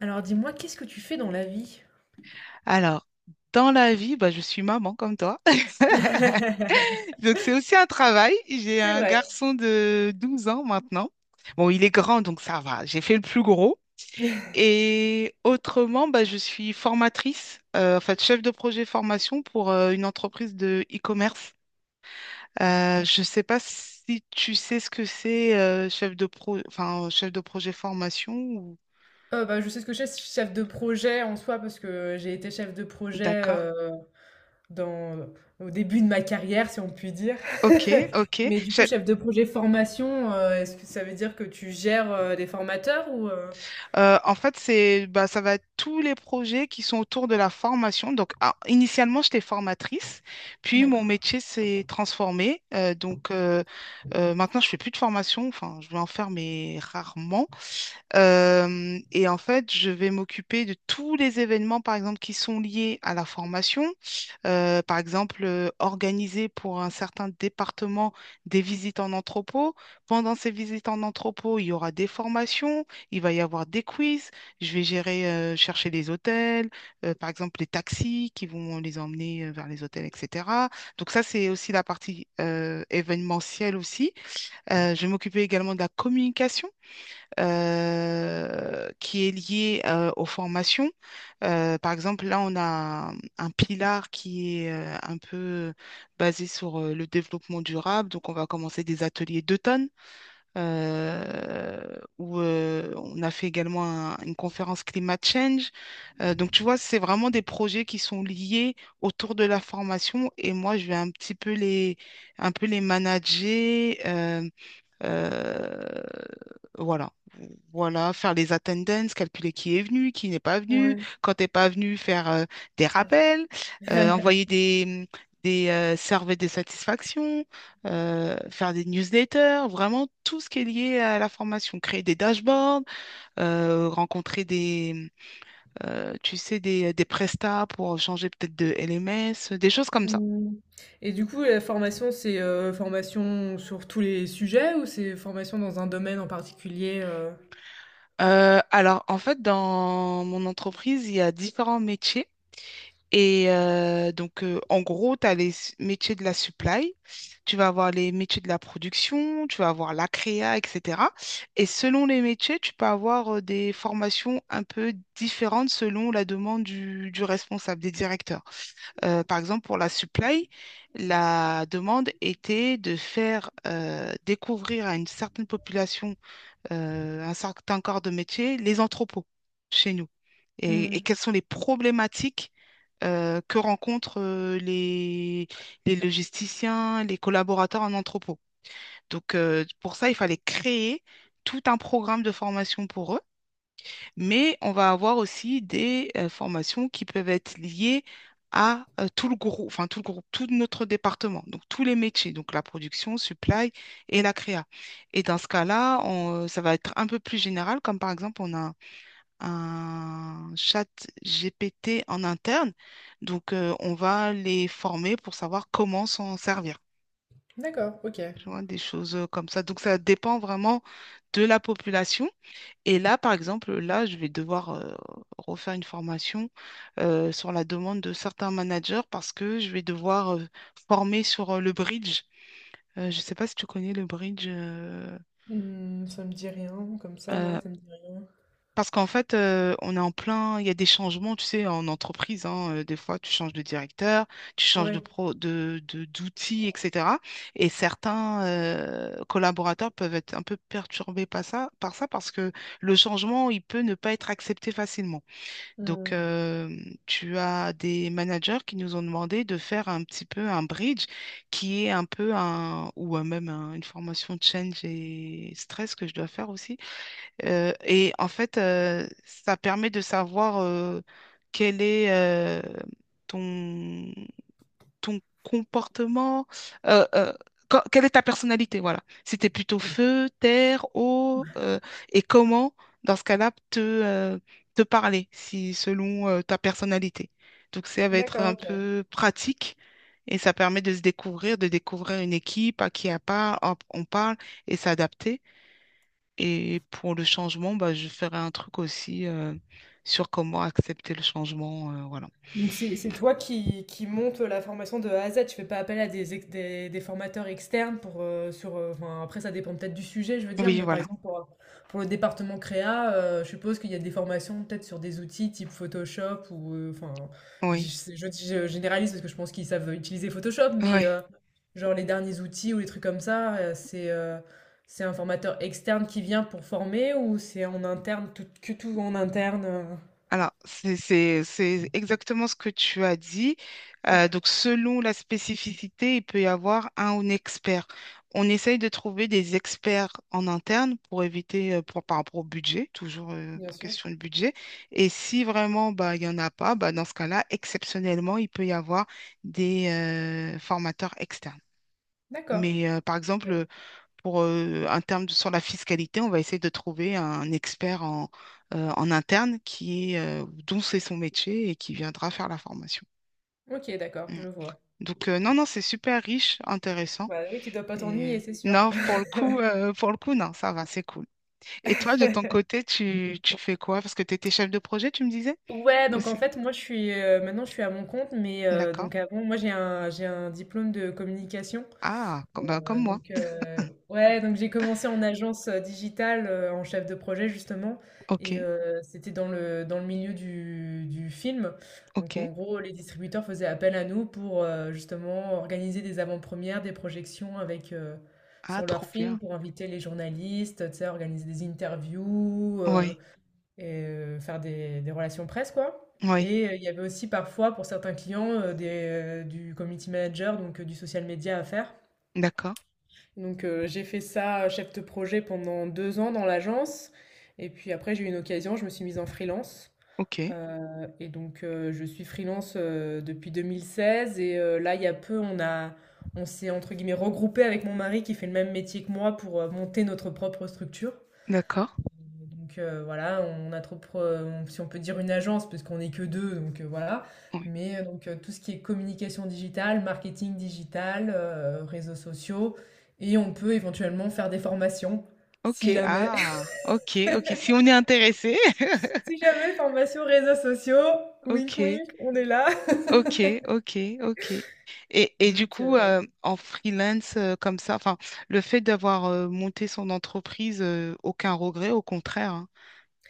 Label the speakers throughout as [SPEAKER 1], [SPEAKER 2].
[SPEAKER 1] Alors dis-moi, qu'est-ce que tu fais dans la vie?
[SPEAKER 2] Alors, dans la vie, je suis maman comme toi.
[SPEAKER 1] C'est
[SPEAKER 2] Donc, c'est aussi un travail. J'ai un
[SPEAKER 1] vrai.
[SPEAKER 2] garçon de 12 ans maintenant. Bon, il est grand, donc ça va. J'ai fait le plus gros. Et autrement, je suis formatrice, en fait, chef de projet formation pour une entreprise de e-commerce. Je ne sais pas si tu sais ce que c'est, enfin, chef de projet formation ou...
[SPEAKER 1] Bah, je sais ce que je fais, je suis chef de projet en soi, parce que j'ai été chef de projet
[SPEAKER 2] D'accord.
[SPEAKER 1] dans, au début de ma carrière, si on peut dire.
[SPEAKER 2] Ok, ok.
[SPEAKER 1] Mais du coup,
[SPEAKER 2] Je-
[SPEAKER 1] chef de projet formation, est-ce que ça veut dire que tu gères des formateurs ou?
[SPEAKER 2] en fait, c'est, ça va être tous les projets qui sont autour de la formation. Donc, initialement, j'étais formatrice, puis mon
[SPEAKER 1] D'accord.
[SPEAKER 2] métier s'est transformé. Donc maintenant, je fais plus de formation. Enfin, je vais en faire, mais rarement. Et en fait, je vais m'occuper de tous les événements, par exemple, qui sont liés à la formation. Par exemple, organiser pour un certain département des visites en entrepôt. Pendant ces visites en entrepôt, il y aura des formations, il va y avoir des quiz. Je vais gérer, chercher les hôtels, par exemple, les taxis qui vont les emmener vers les hôtels, etc. Donc ça, c'est aussi la partie événementielle aussi. Je vais m'occuper également de la communication qui est lié aux formations. Par exemple, là, on a un pilar qui est un peu basé sur le développement durable. Donc, on va commencer des ateliers d'automne euh, où on a fait également une conférence Climate Change. Donc, tu vois, c'est vraiment des projets qui sont liés autour de la formation et moi, je vais un peu les manager. Euh, voilà. Voilà, faire les attendances, calculer qui est venu, qui n'est pas venu,
[SPEAKER 1] Ouais.
[SPEAKER 2] quand t'es pas venu, faire des rappels, envoyer des surveys de satisfaction, faire des newsletters, vraiment tout ce qui est lié à la formation, créer des dashboards, rencontrer tu sais, des prestats pour changer peut-être de LMS, des choses comme ça.
[SPEAKER 1] Hmm. Et du coup, la formation, c'est formation sur tous les sujets ou c'est formation dans un domaine en particulier
[SPEAKER 2] Alors, en fait, dans mon entreprise, il y a différents métiers. Et donc, en gros, tu as métiers de la supply, tu vas avoir les métiers de la production, tu vas avoir la créa, etc. Et selon les métiers, tu peux avoir des formations un peu différentes selon la demande du responsable, des directeurs. Par exemple, pour la supply, la demande était de faire découvrir à une certaine population un certain corps de métier, les entrepôts chez nous. Et
[SPEAKER 1] Hmm.
[SPEAKER 2] quelles sont les problématiques que rencontrent les logisticiens, les collaborateurs en entrepôt. Donc, pour ça, il fallait créer tout un programme de formation pour eux, mais on va avoir aussi des formations qui peuvent être liées à tout le groupe, enfin tout le groupe, tout notre département, donc tous les métiers, donc la production, supply et la créa. Et dans ce cas-là, ça va être un peu plus général, comme par exemple, on a un chat GPT en interne, donc on va les former pour savoir comment s'en servir.
[SPEAKER 1] D'accord, ok.
[SPEAKER 2] Tu vois, des choses comme ça. Donc ça dépend vraiment de la population. Et là, par exemple, là, je vais devoir refaire une formation sur la demande de certains managers parce que je vais devoir former sur le bridge. Je ne sais pas si tu connais le bridge.
[SPEAKER 1] Mmh, ça me dit rien comme ça là,
[SPEAKER 2] Euh,
[SPEAKER 1] ça me dit rien.
[SPEAKER 2] parce qu'en fait, on est en plein, il y a des changements, tu sais, en entreprise, hein, des fois, tu changes de directeur, tu changes de
[SPEAKER 1] Ouais.
[SPEAKER 2] pro, de- d'outils, etc. Et certains collaborateurs peuvent être un peu perturbés par ça parce que le changement, il peut ne pas être accepté facilement. Donc,
[SPEAKER 1] Mmh.
[SPEAKER 2] tu as des managers qui nous ont demandé de faire un petit peu un bridge qui est un peu un, ou même un- une formation change et stress que je dois faire aussi. Et en fait, ça permet de savoir quel est ton ton comportement, euh, euh, quelle est ta personnalité, voilà. Si tu es plutôt feu, terre, eau, et comment, dans ce cas-là, te parler, si selon ta personnalité. Donc ça va être
[SPEAKER 1] D'accord,
[SPEAKER 2] un
[SPEAKER 1] OK.
[SPEAKER 2] peu pratique et ça permet de se découvrir, de découvrir une équipe à qui hop, on parle et s'adapter. Et pour le changement, je ferai un truc aussi sur comment accepter le changement, voilà.
[SPEAKER 1] Donc c'est toi qui monte la formation de A à Z. Tu fais pas appel à des formateurs externes pour sur enfin, après ça dépend peut-être du sujet, je veux dire,
[SPEAKER 2] Oui,
[SPEAKER 1] mais par
[SPEAKER 2] voilà.
[SPEAKER 1] exemple pour le département créa, je suppose qu'il y a des formations peut-être sur des outils type Photoshop ou enfin je,
[SPEAKER 2] Oui,
[SPEAKER 1] dis- je dis- je généralise parce que je pense qu'ils savent utiliser Photoshop, mais
[SPEAKER 2] oui.
[SPEAKER 1] genre les derniers outils ou les trucs comme ça, c'est un formateur externe qui vient pour former ou c'est en interne tout que tout en interne.
[SPEAKER 2] Alors, c'est exactement ce que tu as dit. Donc, selon la spécificité, il peut y avoir un expert. On essaye de trouver des experts en interne pour éviter, par rapport au budget, toujours
[SPEAKER 1] Bien sûr.
[SPEAKER 2] question de budget. Et si vraiment, il n'y en a pas, dans ce cas-là, exceptionnellement, il peut y avoir des formateurs externes.
[SPEAKER 1] D'accord.
[SPEAKER 2] Mais par
[SPEAKER 1] Ok.
[SPEAKER 2] exemple, pour un sur la fiscalité, on va essayer de trouver un expert en interne qui est, dont c'est son métier et qui viendra faire la formation.
[SPEAKER 1] OK, d'accord,
[SPEAKER 2] Mm.
[SPEAKER 1] je vois.
[SPEAKER 2] Donc, non, non, c'est super riche, intéressant.
[SPEAKER 1] Bah, oui, tu dois pas
[SPEAKER 2] Et
[SPEAKER 1] t'ennuyer, c'est sûr.
[SPEAKER 2] non, pour le coup, non, ça va, c'est cool. Et toi, de ton côté, tu fais quoi? Parce que tu étais chef de projet, tu me disais
[SPEAKER 1] Ouais, donc en
[SPEAKER 2] aussi.
[SPEAKER 1] fait, moi, je suis maintenant, je suis à mon compte, mais
[SPEAKER 2] D'accord.
[SPEAKER 1] donc avant, moi, j'ai un diplôme de communication.
[SPEAKER 2] Ah, bah, comme moi.
[SPEAKER 1] Donc, ouais, donc j'ai commencé en agence digitale, en chef de projet justement,
[SPEAKER 2] Ok,
[SPEAKER 1] et c'était dans le milieu du film.
[SPEAKER 2] ok.
[SPEAKER 1] Donc en gros, les distributeurs faisaient appel à nous pour justement organiser des avant-premières, des projections avec,
[SPEAKER 2] Ah,
[SPEAKER 1] sur leurs
[SPEAKER 2] trop
[SPEAKER 1] films
[SPEAKER 2] bien.
[SPEAKER 1] pour inviter les journalistes, tu sais, organiser des interviews,
[SPEAKER 2] Oui,
[SPEAKER 1] et faire des relations presse, quoi.
[SPEAKER 2] oui.
[SPEAKER 1] Et il y avait aussi parfois pour certains clients du community manager, donc du social media à faire.
[SPEAKER 2] D'accord.
[SPEAKER 1] Donc, j'ai fait ça, chef de projet pendant 2 ans dans l'agence, et puis après j'ai eu une occasion, je me suis mise en freelance,
[SPEAKER 2] Ok,
[SPEAKER 1] et donc je suis freelance, depuis 2016. Et là, il y a peu, on s'est entre guillemets regroupé avec mon mari qui fait le même métier que moi pour, monter notre propre structure.
[SPEAKER 2] d'accord.
[SPEAKER 1] Donc voilà, on a trop, pro- on- si on peut dire une agence, parce qu'on n'est que deux, donc voilà.
[SPEAKER 2] Oui.
[SPEAKER 1] Mais donc tout ce qui est communication digitale, marketing digital, réseaux sociaux, et on peut éventuellement faire des formations, si
[SPEAKER 2] Ok,
[SPEAKER 1] jamais.
[SPEAKER 2] ah, ok, ok. Si on est intéressé,
[SPEAKER 1] Si jamais formation réseaux sociaux, wink
[SPEAKER 2] ok,
[SPEAKER 1] wink, on est là.
[SPEAKER 2] ok, ok, ok. Et du
[SPEAKER 1] Donc
[SPEAKER 2] coup, en freelance comme ça, enfin, le fait d'avoir monté son entreprise, aucun regret, au contraire, hein.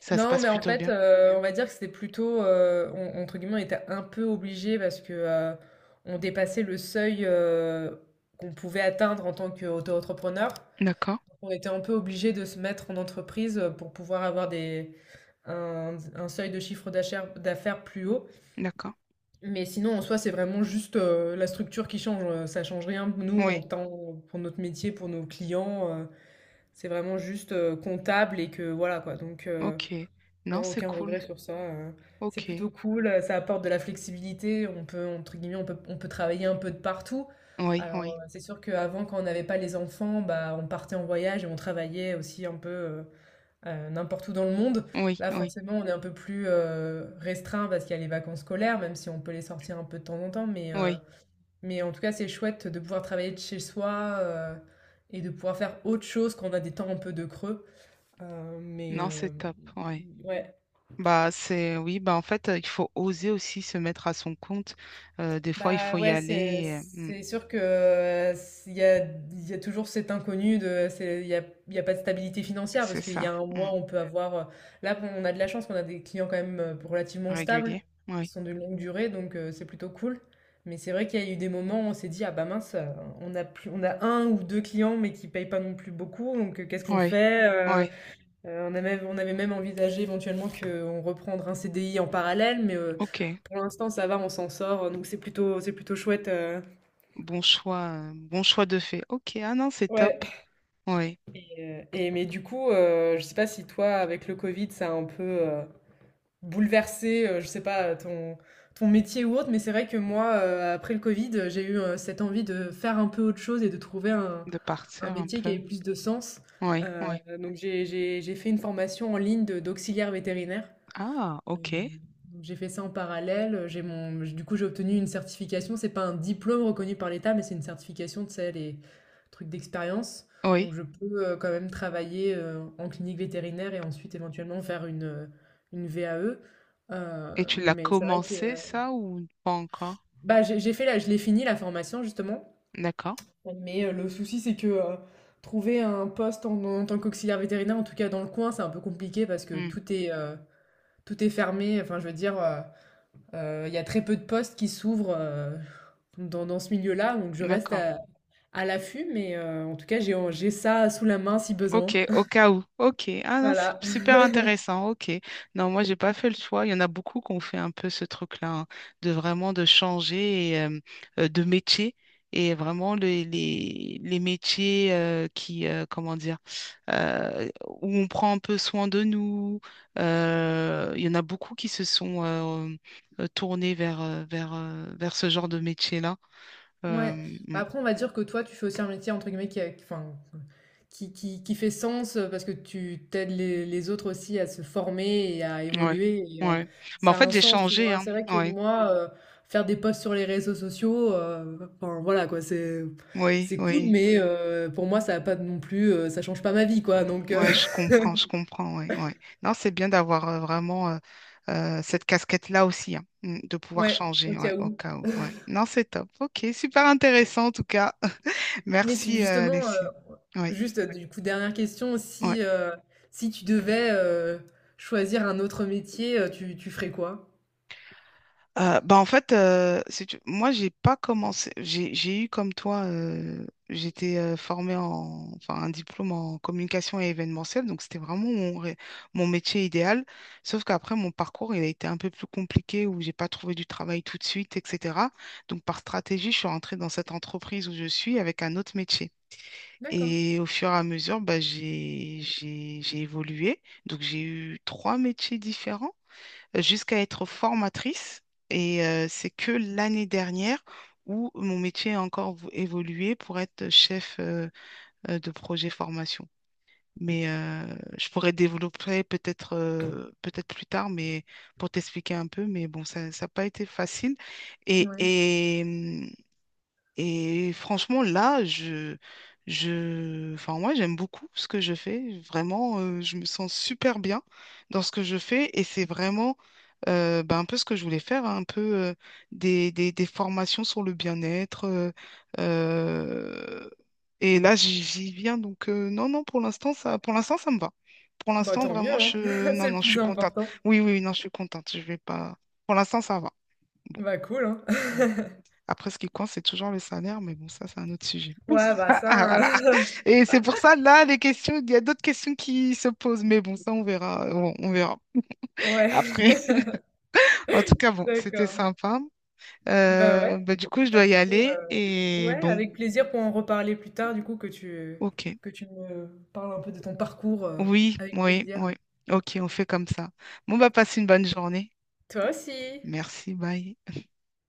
[SPEAKER 2] Ça se
[SPEAKER 1] non,
[SPEAKER 2] passe
[SPEAKER 1] mais en
[SPEAKER 2] plutôt
[SPEAKER 1] fait,
[SPEAKER 2] bien.
[SPEAKER 1] on va dire que c'était plutôt, entre guillemets, on était un peu obligé parce que on dépassait le seuil qu'on pouvait atteindre en tant qu'auto-entrepreneur.
[SPEAKER 2] D'accord,
[SPEAKER 1] On était un peu obligé de se mettre en entreprise pour pouvoir avoir un seuil de chiffre d'affaires plus haut.
[SPEAKER 2] d'accord.
[SPEAKER 1] Mais sinon, en soi, c'est vraiment juste la structure qui change. Ça change rien. Nous,
[SPEAKER 2] Oui,
[SPEAKER 1] en tant pour notre métier, pour nos clients, c'est vraiment juste comptable et que voilà quoi. Donc,
[SPEAKER 2] ok. Non,
[SPEAKER 1] non,
[SPEAKER 2] c'est
[SPEAKER 1] aucun
[SPEAKER 2] cool.
[SPEAKER 1] regret sur ça. C'est
[SPEAKER 2] Ok.
[SPEAKER 1] plutôt cool. Ça apporte de la flexibilité. On peut, entre guillemets, on peut travailler un peu de partout.
[SPEAKER 2] Oui,
[SPEAKER 1] Alors,
[SPEAKER 2] oui,
[SPEAKER 1] c'est sûr qu'avant, quand on n'avait pas les enfants, bah, on partait en voyage et on travaillait aussi un peu. N'importe où dans le monde.
[SPEAKER 2] oui,
[SPEAKER 1] Là,
[SPEAKER 2] oui,
[SPEAKER 1] forcément, on est un peu plus, restreint parce qu'il y a les vacances scolaires, même si on peut les sortir un peu de temps en temps, mais heu,
[SPEAKER 2] oui.
[SPEAKER 1] mais en tout cas, c'est chouette de pouvoir travailler de chez soi, et de pouvoir faire autre chose quand on a des temps un peu de creux. Mais
[SPEAKER 2] Non, c'est top. Oui.
[SPEAKER 1] ouais.
[SPEAKER 2] Oui, en fait, il faut oser aussi se mettre à son compte. Des fois, il
[SPEAKER 1] Bah
[SPEAKER 2] faut y
[SPEAKER 1] ouais, c'est
[SPEAKER 2] aller.
[SPEAKER 1] c'est sûr que il y a, il y a toujours cet inconnu de il y a pas de stabilité financière,
[SPEAKER 2] C'est
[SPEAKER 1] parce qu'il y
[SPEAKER 2] ça.
[SPEAKER 1] a un
[SPEAKER 2] Mm.
[SPEAKER 1] mois on peut avoir là on a de la chance qu'on a des clients quand même relativement stables
[SPEAKER 2] Régulier.
[SPEAKER 1] qui
[SPEAKER 2] Oui.
[SPEAKER 1] sont de longue durée, donc c'est plutôt cool. Mais c'est vrai qu'il y a eu des moments où on s'est dit ah bah mince, on a un ou deux clients mais qui payent pas non plus beaucoup, donc qu'est-ce qu'on
[SPEAKER 2] Oui.
[SPEAKER 1] fait?
[SPEAKER 2] Oui.
[SPEAKER 1] On avait même envisagé éventuellement qu'on reprendre un CDI en parallèle, mais
[SPEAKER 2] OK.
[SPEAKER 1] pour l'instant ça va, on s'en sort, donc c'est plutôt chouette.
[SPEAKER 2] Bon choix. Bon choix de fait. OK. Ah non, c'est top.
[SPEAKER 1] Ouais.
[SPEAKER 2] Oui.
[SPEAKER 1] Mais du coup, je sais pas si toi, avec le Covid, ça a un peu bouleversé, je sais pas, ton métier ou autre, mais c'est vrai que moi, après le Covid, j'ai eu cette envie de faire un peu autre chose et de trouver un,
[SPEAKER 2] De
[SPEAKER 1] un
[SPEAKER 2] partir un
[SPEAKER 1] métier qui avait
[SPEAKER 2] peu.
[SPEAKER 1] plus de sens.
[SPEAKER 2] Oui.
[SPEAKER 1] Euh,
[SPEAKER 2] Oui.
[SPEAKER 1] donc j'ai fait une formation en ligne d'auxiliaire vétérinaire.
[SPEAKER 2] Ah,
[SPEAKER 1] Euh,
[SPEAKER 2] OK.
[SPEAKER 1] donc j'ai fait ça en parallèle. Du coup, j'ai obtenu une certification. C'est pas un diplôme reconnu par l'État, mais c'est une certification, tu sais, les trucs d'expérience. Donc,
[SPEAKER 2] Oui.
[SPEAKER 1] je peux quand même travailler en clinique vétérinaire et ensuite éventuellement faire une VAE.
[SPEAKER 2] Et tu l'as
[SPEAKER 1] Mais c'est vrai que
[SPEAKER 2] commencé, ça, ou pas encore?
[SPEAKER 1] bah, je l'ai fini la formation justement.
[SPEAKER 2] D'accord.
[SPEAKER 1] Mais le souci, c'est que trouver un poste en tant qu'auxiliaire vétérinaire, en tout cas dans le coin, c'est un peu compliqué parce que
[SPEAKER 2] Mm.
[SPEAKER 1] tout est fermé. Enfin, je veux dire. Il y a très peu de postes qui s'ouvrent dans ce milieu-là, donc je reste
[SPEAKER 2] D'accord.
[SPEAKER 1] à l'affût, mais en tout cas, j'ai ça sous la main si
[SPEAKER 2] Ok,
[SPEAKER 1] besoin.
[SPEAKER 2] au cas où. Ok. Ah non, c'est
[SPEAKER 1] Voilà.
[SPEAKER 2] super intéressant. Ok. Non, moi, j'ai pas fait le choix. Il y en a beaucoup qui ont fait un peu ce truc-là, hein, de vraiment de changer et, de métier. Et vraiment, les métiers qui, comment dire, euh, où on prend un peu soin de nous. Il y en a beaucoup qui se sont tournés vers ce genre de métier-là. Euh,
[SPEAKER 1] Ouais. Bah,
[SPEAKER 2] mm,
[SPEAKER 1] après, on va dire que toi, tu fais aussi un métier, entre guillemets, enfin, qui fait sens parce que tu t'aides les autres aussi à se former et à
[SPEAKER 2] ouais,
[SPEAKER 1] évoluer. Et
[SPEAKER 2] ouais. Mais en
[SPEAKER 1] ça a
[SPEAKER 2] fait,
[SPEAKER 1] un
[SPEAKER 2] j'ai
[SPEAKER 1] sens, tu
[SPEAKER 2] changé,
[SPEAKER 1] vois.
[SPEAKER 2] hein.
[SPEAKER 1] C'est vrai que
[SPEAKER 2] Ouais.
[SPEAKER 1] moi, faire des posts sur les réseaux sociaux, enfin, voilà, quoi, c'est,
[SPEAKER 2] Oui,
[SPEAKER 1] c'est cool,
[SPEAKER 2] oui.
[SPEAKER 1] mais pour moi, ça a pas non plus, ça change pas ma vie, quoi. Donc, euh,
[SPEAKER 2] Ouais, je comprends, ouais, ouais. Non, c'est bien d'avoir vraiment cette casquette-là aussi, hein, mm, de pouvoir
[SPEAKER 1] Ouais, au
[SPEAKER 2] changer, ouais,
[SPEAKER 1] cas
[SPEAKER 2] au
[SPEAKER 1] où.
[SPEAKER 2] cas où, ouais. Non, c'est top. Ok, super intéressant en tout cas.
[SPEAKER 1] Mais si
[SPEAKER 2] Merci,
[SPEAKER 1] justement,
[SPEAKER 2] Alexis. Oui,
[SPEAKER 1] juste du coup, dernière question,
[SPEAKER 2] ouais.
[SPEAKER 1] si tu devais, choisir un autre métier, tu ferais quoi?
[SPEAKER 2] En fait, si moi, j'ai pas commencé. J'ai eu comme toi, j'étais formée enfin, un diplôme en communication et événementiel, donc c'était vraiment mon métier idéal. Sauf qu'après, mon parcours, il a été un peu plus compliqué où j'ai pas trouvé du travail tout de suite, etc. Donc, par stratégie, je suis rentrée dans cette entreprise où je suis avec un autre métier.
[SPEAKER 1] D'accord,
[SPEAKER 2] Et au fur et à mesure, j'ai évolué. Donc, j'ai eu trois métiers différents jusqu'à être formatrice. Et c'est que l'année dernière où mon métier a encore évolué pour être chef de projet formation. Mais je pourrais développer peut-être plus tard, mais pour t'expliquer un peu. Mais bon, ça n'a pas été facile. Et,
[SPEAKER 1] ouais.
[SPEAKER 2] et, hum, et franchement, là, enfin, moi, j'aime beaucoup ce que je fais. Vraiment, je me sens super bien dans ce que je fais. Et c'est vraiment un peu ce que je voulais faire, hein, un peu des formations sur le bien-être. Euh, et là, j'y viens. Donc, non, non, pour l'instant, pour l'instant, ça me va. Pour
[SPEAKER 1] Bah,
[SPEAKER 2] l'instant,
[SPEAKER 1] tant mieux,
[SPEAKER 2] vraiment,
[SPEAKER 1] hein,
[SPEAKER 2] non,
[SPEAKER 1] c'est le
[SPEAKER 2] non, je
[SPEAKER 1] plus
[SPEAKER 2] suis contente.
[SPEAKER 1] important.
[SPEAKER 2] Oui, oui, non, je suis contente. Je vais pas. Pour l'instant, ça va.
[SPEAKER 1] Bah, cool, hein.
[SPEAKER 2] Après, ce qui compte, c'est toujours le salaire, mais bon, ça, c'est un autre sujet.
[SPEAKER 1] Ouais, bah,
[SPEAKER 2] Ah, ah, voilà. Et c'est pour ça, là, les questions, il y a d'autres questions qui se posent, mais bon, ça, on verra. On verra.
[SPEAKER 1] ouais,
[SPEAKER 2] Après, en tout cas, bon, c'était
[SPEAKER 1] d'accord.
[SPEAKER 2] sympa.
[SPEAKER 1] Bah, ouais.
[SPEAKER 2] Bah, du coup, je
[SPEAKER 1] Bah,
[SPEAKER 2] dois y
[SPEAKER 1] du coup,
[SPEAKER 2] aller. Et
[SPEAKER 1] ouais,
[SPEAKER 2] bon,
[SPEAKER 1] avec plaisir pour en reparler plus tard, du coup,
[SPEAKER 2] ok.
[SPEAKER 1] que tu me parles un peu de ton parcours,
[SPEAKER 2] Oui,
[SPEAKER 1] avec
[SPEAKER 2] oui,
[SPEAKER 1] plaisir.
[SPEAKER 2] oui. Ok, on fait comme ça. Bon, bah, passe une bonne journée.
[SPEAKER 1] Toi aussi.
[SPEAKER 2] Merci, bye.